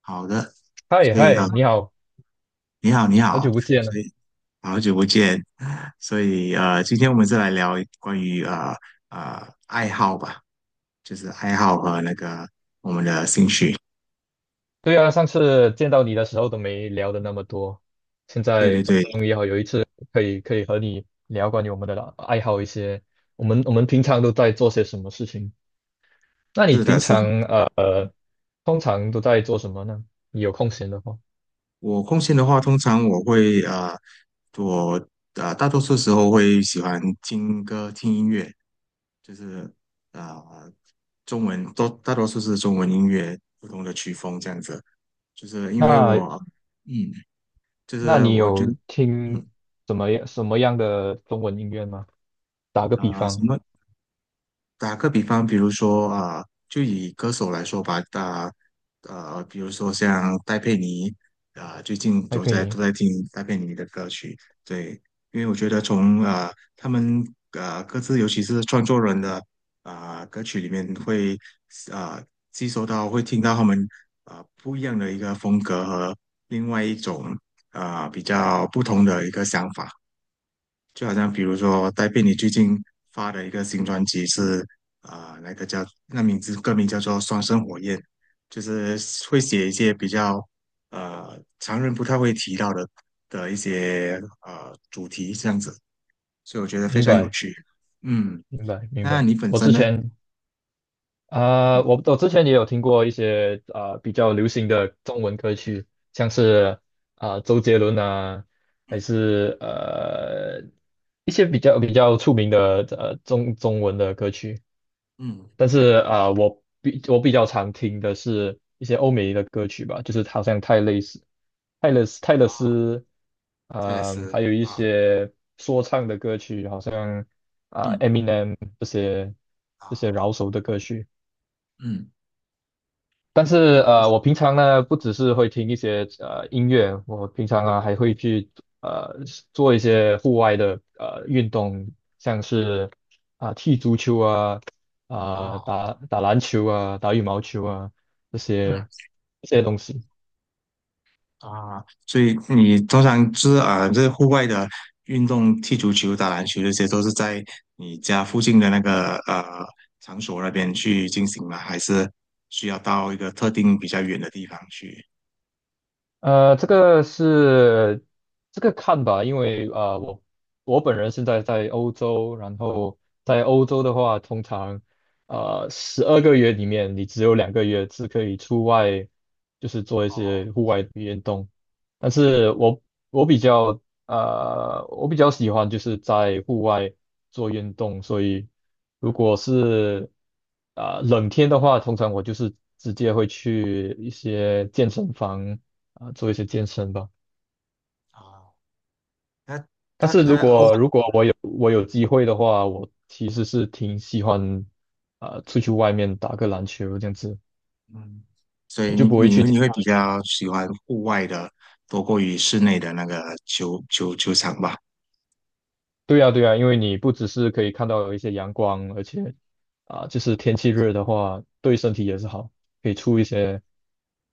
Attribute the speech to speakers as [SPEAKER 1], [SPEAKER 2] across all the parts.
[SPEAKER 1] 好的，
[SPEAKER 2] 嗨
[SPEAKER 1] 所以
[SPEAKER 2] 嗨，你好，
[SPEAKER 1] 你好，你
[SPEAKER 2] 好
[SPEAKER 1] 好，
[SPEAKER 2] 久不见
[SPEAKER 1] 所
[SPEAKER 2] 了。
[SPEAKER 1] 以好久不见，所以今天我们再来聊关于爱好吧，就是爱好和那个我们的兴趣。
[SPEAKER 2] 对啊，上次见到你的时候都没聊的那么多，现
[SPEAKER 1] 对
[SPEAKER 2] 在
[SPEAKER 1] 对对，
[SPEAKER 2] 终于好有一次可以和你聊关于我们的爱好一些，我们平常都在做些什么事情？那你
[SPEAKER 1] 是的，
[SPEAKER 2] 平
[SPEAKER 1] 是的。
[SPEAKER 2] 常通常都在做什么呢？你有空闲的话，
[SPEAKER 1] 我空闲的话，通常我大多数时候会喜欢听歌、听音乐，就是呃中文都大多数是中文音乐，不同的曲风这样子。就是因为
[SPEAKER 2] 那
[SPEAKER 1] 我嗯就
[SPEAKER 2] 那
[SPEAKER 1] 是
[SPEAKER 2] 你
[SPEAKER 1] 我就
[SPEAKER 2] 有听
[SPEAKER 1] 嗯
[SPEAKER 2] 什么样的中文音乐吗？打个比
[SPEAKER 1] 啊、什
[SPEAKER 2] 方，
[SPEAKER 1] 么打个比方，比如说就以歌手来说吧，比如说像戴佩妮最近
[SPEAKER 2] 还
[SPEAKER 1] 我
[SPEAKER 2] 可以
[SPEAKER 1] 在
[SPEAKER 2] 你
[SPEAKER 1] 都在听戴佩妮的歌曲，对，因为我觉得从他们各自，尤其是创作人的歌曲里面会啊、吸收到，会听到他们不一样的一个风格和另外一种比较不同的一个想法。就好像比如说戴佩妮最近发的一个新专辑是啊、呃那个叫那名字歌名叫做《双生火焰》，就是会写一些比较常人不太会提到的一些主题这样子，所以我觉得非
[SPEAKER 2] 明
[SPEAKER 1] 常有
[SPEAKER 2] 白
[SPEAKER 1] 趣。嗯，
[SPEAKER 2] 明白明
[SPEAKER 1] 那
[SPEAKER 2] 白，
[SPEAKER 1] 你本
[SPEAKER 2] 我
[SPEAKER 1] 身
[SPEAKER 2] 之
[SPEAKER 1] 呢？
[SPEAKER 2] 前。
[SPEAKER 1] 嗯
[SPEAKER 2] 我之前也有听过一些比较流行的中文歌曲，像是周杰伦啊，还
[SPEAKER 1] 嗯
[SPEAKER 2] 是一些比较出名的中文的歌曲。
[SPEAKER 1] 嗯，
[SPEAKER 2] 但是我比较常听的是一些欧美的歌曲吧，就是好像泰勒斯，
[SPEAKER 1] 泰勒斯
[SPEAKER 2] 还有一
[SPEAKER 1] 啊，
[SPEAKER 2] 些说唱的歌曲，好像
[SPEAKER 1] 嗯
[SPEAKER 2] Eminem 这些
[SPEAKER 1] 啊
[SPEAKER 2] 饶舌的歌曲。
[SPEAKER 1] 嗯，
[SPEAKER 2] 但是
[SPEAKER 1] 好的
[SPEAKER 2] 我平常呢不只是会听一些音乐，我平常还会去呃做一些户外的运动，像是踢足球啊，
[SPEAKER 1] 啊，
[SPEAKER 2] 打打篮球啊，打羽毛球啊这
[SPEAKER 1] 嗯。
[SPEAKER 2] 些这些东西。
[SPEAKER 1] 啊，所以你通常就是这户外的运动，踢足球、打篮球这些，都是在你家附近的那个场所那边去进行吗？还是需要到一个特定比较远的地方去？
[SPEAKER 2] 呃，这个是这个看吧，因为我本人现在在欧洲，然后在欧洲的话，通常十二个月里面，你只有两个月是可以出外，就是做一
[SPEAKER 1] 哦，
[SPEAKER 2] 些户外的运动。但是我比较我比较喜欢就是在户外做运动，所以如果是冷天的话，通常我就是直接会去一些健身房做一些健身吧。
[SPEAKER 1] 那
[SPEAKER 2] 但
[SPEAKER 1] 那
[SPEAKER 2] 是如
[SPEAKER 1] 那哦，
[SPEAKER 2] 果如果我有机会的话，我其实是挺喜欢出去外面打个篮球这样子。
[SPEAKER 1] 所以你会比较喜欢户外的，多过于室内的那个球场吧？
[SPEAKER 2] 对呀、对呀、因为你不只是可以看到一些阳光，而且就是天气热的话，对身体也是好，可以出一些，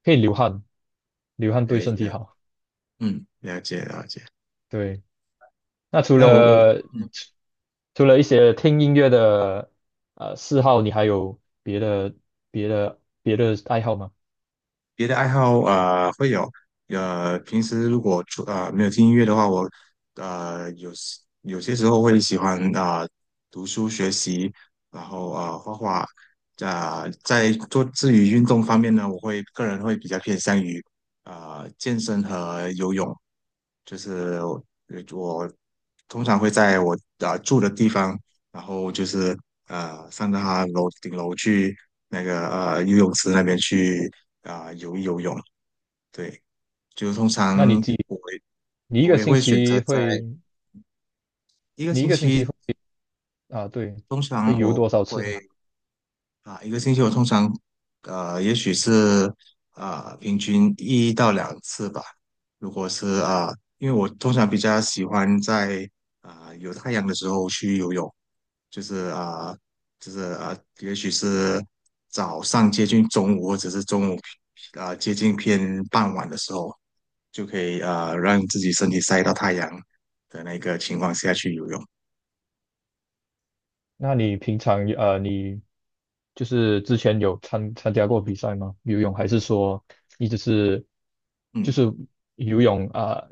[SPEAKER 2] 可以流汗，流汗对
[SPEAKER 1] 对，
[SPEAKER 2] 身
[SPEAKER 1] 了，
[SPEAKER 2] 体好。
[SPEAKER 1] 嗯，了解了解。
[SPEAKER 2] 对。那除
[SPEAKER 1] 那我我。
[SPEAKER 2] 了
[SPEAKER 1] 嗯
[SPEAKER 2] 除了一些听音乐的嗜好，你还有别的爱好吗？
[SPEAKER 1] 别的爱好会有，平时如果出没有听音乐的话，我有些时候会喜欢读书学习，然后画画，在做至于运动方面呢，个人会比较偏向于健身和游泳，就是我通常会在我住的地方，然后就是上到他顶楼去那个游泳池那边去。游泳，对，就通常我会
[SPEAKER 2] 你一个
[SPEAKER 1] 我也
[SPEAKER 2] 星
[SPEAKER 1] 会选择
[SPEAKER 2] 期
[SPEAKER 1] 在
[SPEAKER 2] 会，
[SPEAKER 1] 一个
[SPEAKER 2] 你一
[SPEAKER 1] 星
[SPEAKER 2] 个星期
[SPEAKER 1] 期，
[SPEAKER 2] 会啊，对，
[SPEAKER 1] 通
[SPEAKER 2] 会
[SPEAKER 1] 常
[SPEAKER 2] 游
[SPEAKER 1] 我
[SPEAKER 2] 多少次呢？
[SPEAKER 1] 会啊、一个星期我通常也许是平均一到两次吧，如果是因为我通常比较喜欢在有太阳的时候去游泳，就是就是啊、呃也许是早上接近中午或者是中午接近偏傍晚的时候。就可以让自己身体晒到太阳的那个情况下去游泳。
[SPEAKER 2] 那你平常你就是之前有参加过比赛吗？游泳还是说你只是就
[SPEAKER 1] 嗯。
[SPEAKER 2] 是游泳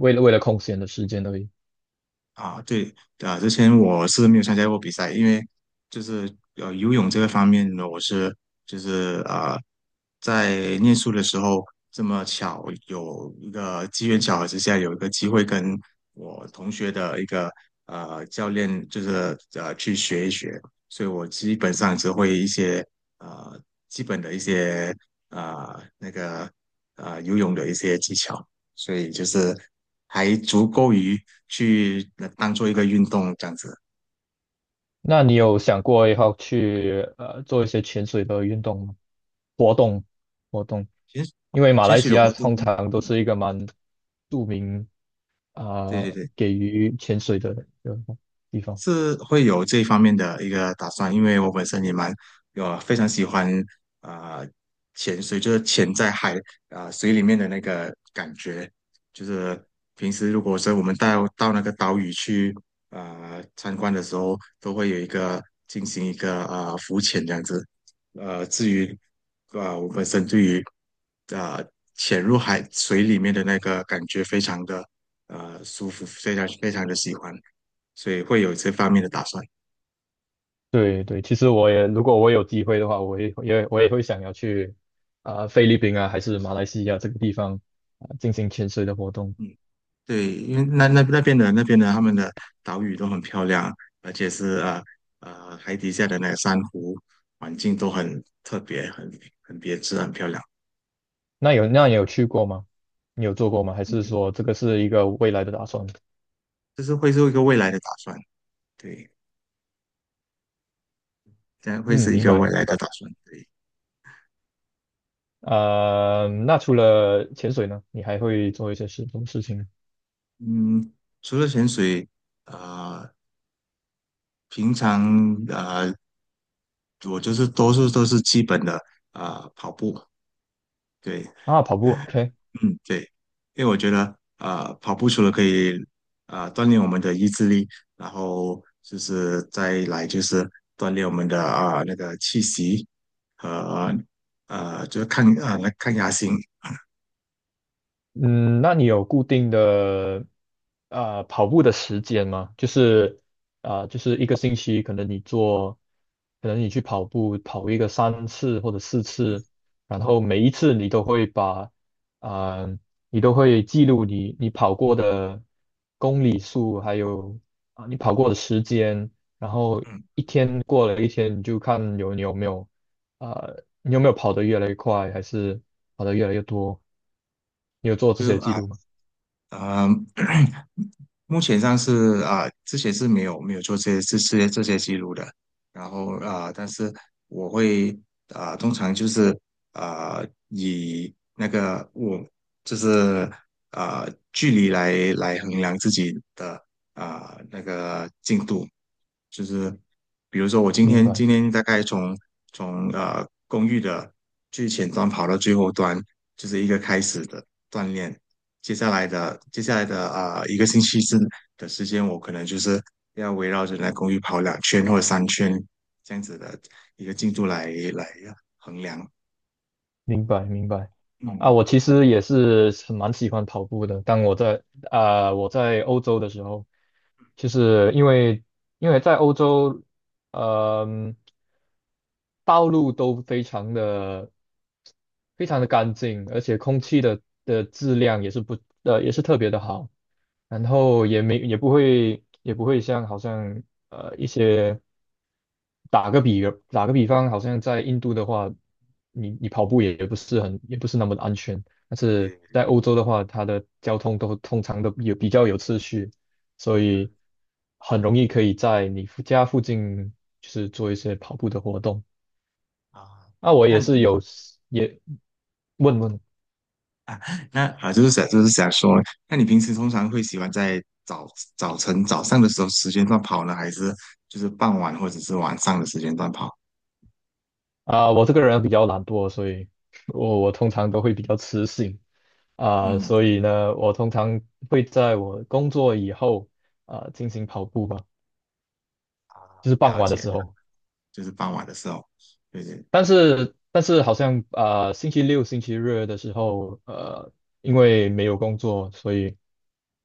[SPEAKER 2] 为了空闲的时间而已？
[SPEAKER 1] 啊，对啊，之前我是没有参加过比赛，因为就是游泳这个方面呢，就是在念书的时候，这么巧有一个机缘巧合之下，有一个机会跟我同学的一个教练，就是去学一学，所以我基本上只会一些呃基本的一些呃那个游泳的一些技巧。所以就是还足够于去当做一个运动这样子。
[SPEAKER 2] 那你有想过以后去做一些潜水的运动吗？活动活动，
[SPEAKER 1] 潜
[SPEAKER 2] 因为马
[SPEAKER 1] 潜
[SPEAKER 2] 来
[SPEAKER 1] 水
[SPEAKER 2] 西
[SPEAKER 1] 的
[SPEAKER 2] 亚
[SPEAKER 1] 活
[SPEAKER 2] 通
[SPEAKER 1] 动，
[SPEAKER 2] 常都是一个蛮著名啊、
[SPEAKER 1] 对对对。
[SPEAKER 2] 给予潜水的一个地方。
[SPEAKER 1] 是会有这方面的一个打算，因为我本身也蛮有非常喜欢啊、呃潜水，就是潜在海水里面的那个感觉，就是平时如果说我们到那个岛屿去参观的时候，都会有一个进行一个浮潜这样子。至于我本身对于啊、呃潜入海水里面的那个感觉非常的舒服，非常非常的喜欢。所以会有这方面的打算。
[SPEAKER 2] 对对，其实我也如果我有机会的话，我也会想要去菲律宾啊，还是马来西亚这个地方进行潜水的活动。
[SPEAKER 1] 嗯，对，因为那边的他们的岛屿都很漂亮，而且是海底下的那个珊瑚环境都很特别，很别致，很漂亮。
[SPEAKER 2] 那你有去过吗？你有做过吗？还
[SPEAKER 1] 嗯，
[SPEAKER 2] 是说这个是一个未来的打算？
[SPEAKER 1] 这是会是一个未来的打算，对，这样会
[SPEAKER 2] 嗯，
[SPEAKER 1] 是一
[SPEAKER 2] 明
[SPEAKER 1] 个
[SPEAKER 2] 白
[SPEAKER 1] 未
[SPEAKER 2] 明
[SPEAKER 1] 来的打
[SPEAKER 2] 白。
[SPEAKER 1] 算，对，
[SPEAKER 2] 那除了潜水呢，你还会做一些什么事情呢？
[SPEAKER 1] 嗯，除了潜水，呃，平常我就是多数都是基本的跑步，对，
[SPEAKER 2] 啊，跑步，OK。
[SPEAKER 1] 嗯，对，因为我觉得，啊，跑步除了可以，锻炼我们的意志力，然后就是再来就是锻炼我们的那个气息和就是抗压性，
[SPEAKER 2] 嗯，那你有固定的跑步的时间吗？就是就是一个星期，可能你去跑步跑一个三次或者四次，然后每一次啊，你都会记录你跑过的公里数，还有你跑过的时间，然后
[SPEAKER 1] 嗯，
[SPEAKER 2] 一天过了一天，你就看你有没有。啊。你有没有跑得越来越快，还是跑得越来越多？你有做这
[SPEAKER 1] 就
[SPEAKER 2] 些记录吗？
[SPEAKER 1] 啊、目前上是啊、之前是没有做这些记录的，然后但是我会通常就是啊、以那个我就是啊、距离来衡量自己的那个进度，就是比如说我今
[SPEAKER 2] 明
[SPEAKER 1] 天
[SPEAKER 2] 白，
[SPEAKER 1] 今天大概从公寓的最前端跑到最后端，就是一个开始的锻炼。接下来的一个星期之的时间，我可能就是要围绕着那公寓跑两圈或者三圈这样子的一个进度来衡量。
[SPEAKER 2] 明白，明白。啊，
[SPEAKER 1] 嗯，
[SPEAKER 2] 我其实也是很蛮喜欢跑步的。当我在啊、我在欧洲的时候，就是因为在欧洲，嗯、道路都非常的非常的干净，而且空气的质量也是特别的好。然后也不会好像一些打个比打个比方，好像在印度的话，你跑步也不是那么的安全，但是
[SPEAKER 1] 对
[SPEAKER 2] 在欧洲的话，它的交通都通常都有比较有秩序，所以很容易可以在家附近就是做一些跑步的活动。
[SPEAKER 1] 啊，
[SPEAKER 2] 那我
[SPEAKER 1] 那
[SPEAKER 2] 也是有也问问。
[SPEAKER 1] 那啊，就是想说，那你平时通常会喜欢在早上的时候时间段跑呢，还是就是傍晚或者是晚上的时间段跑？
[SPEAKER 2] 我这个人比较懒惰，所以我通常都会比较迟醒
[SPEAKER 1] 嗯，
[SPEAKER 2] 所以呢，我通常会在我工作以后进行跑步吧，
[SPEAKER 1] 啊，
[SPEAKER 2] 就是傍
[SPEAKER 1] 了
[SPEAKER 2] 晚的
[SPEAKER 1] 解
[SPEAKER 2] 时
[SPEAKER 1] 的，
[SPEAKER 2] 候。
[SPEAKER 1] 就是傍晚的时候，对对，
[SPEAKER 2] 但是好像星期六、星期日的时候，因为没有工作，所以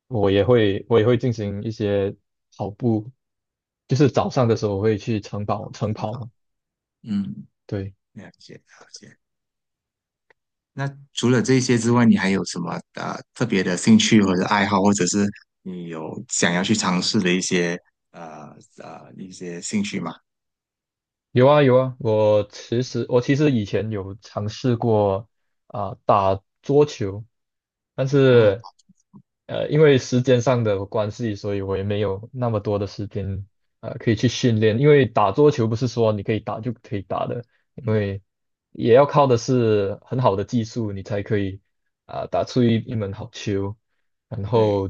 [SPEAKER 2] 我也会进行一些跑步，就是早上的时候我会去晨跑晨
[SPEAKER 1] 很好，
[SPEAKER 2] 跑，
[SPEAKER 1] 嗯，
[SPEAKER 2] 对。
[SPEAKER 1] 了解了解。那除了这些之外，你还有什么特别的兴趣或者爱好，或者是你有想要去尝试的一些兴趣吗？
[SPEAKER 2] 有啊有啊，我其实以前有尝试过打桌球，但
[SPEAKER 1] 啊，
[SPEAKER 2] 是因为时间上的关系，所以我也没有那么多的时间可以去训练。因为打桌球不是说你可以打就可以打的，因
[SPEAKER 1] 嗯，
[SPEAKER 2] 为也要靠的是很好的技术，你才可以打出一门好球。然
[SPEAKER 1] 对。
[SPEAKER 2] 后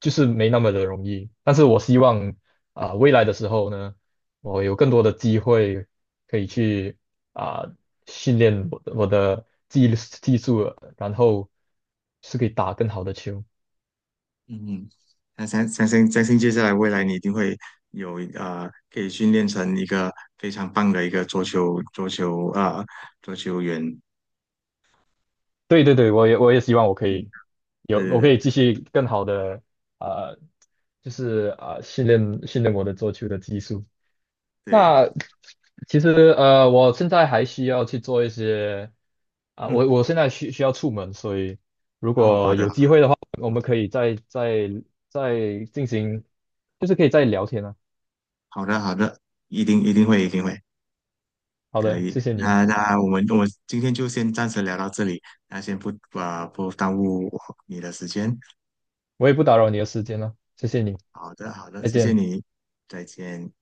[SPEAKER 2] 就是没那么的容易。但是我希望未来的时候呢。我有更多的机会可以去啊、训练我的技术，然后是可以打更好的球。
[SPEAKER 1] 嗯，嗯，那相信接下来未来你一定会有可以训练成一个非常棒的一个桌球员。
[SPEAKER 2] 对对对，我也希望我可
[SPEAKER 1] 嗯，
[SPEAKER 2] 以有
[SPEAKER 1] 对
[SPEAKER 2] 我可
[SPEAKER 1] 对
[SPEAKER 2] 以继续更好的啊、呃就是训练训练我的做球的技术。那
[SPEAKER 1] 对，
[SPEAKER 2] 其实我现在还需要去做一些啊，我
[SPEAKER 1] 嗯，
[SPEAKER 2] 我现在需要出门，所以如
[SPEAKER 1] 哦，好
[SPEAKER 2] 果
[SPEAKER 1] 的
[SPEAKER 2] 有机会的话，我们可以再进行，就是可以再聊天啊。
[SPEAKER 1] 好的好的，一定一定会一定会
[SPEAKER 2] 好
[SPEAKER 1] 可
[SPEAKER 2] 的，
[SPEAKER 1] 以。
[SPEAKER 2] 谢谢你啊，
[SPEAKER 1] 那我今天就先暂时聊到这里，那先不耽误你的时间。
[SPEAKER 2] 我也不打扰你的时间了，谢谢你，
[SPEAKER 1] 好的好的，
[SPEAKER 2] 再
[SPEAKER 1] 谢谢
[SPEAKER 2] 见。
[SPEAKER 1] 你，再见。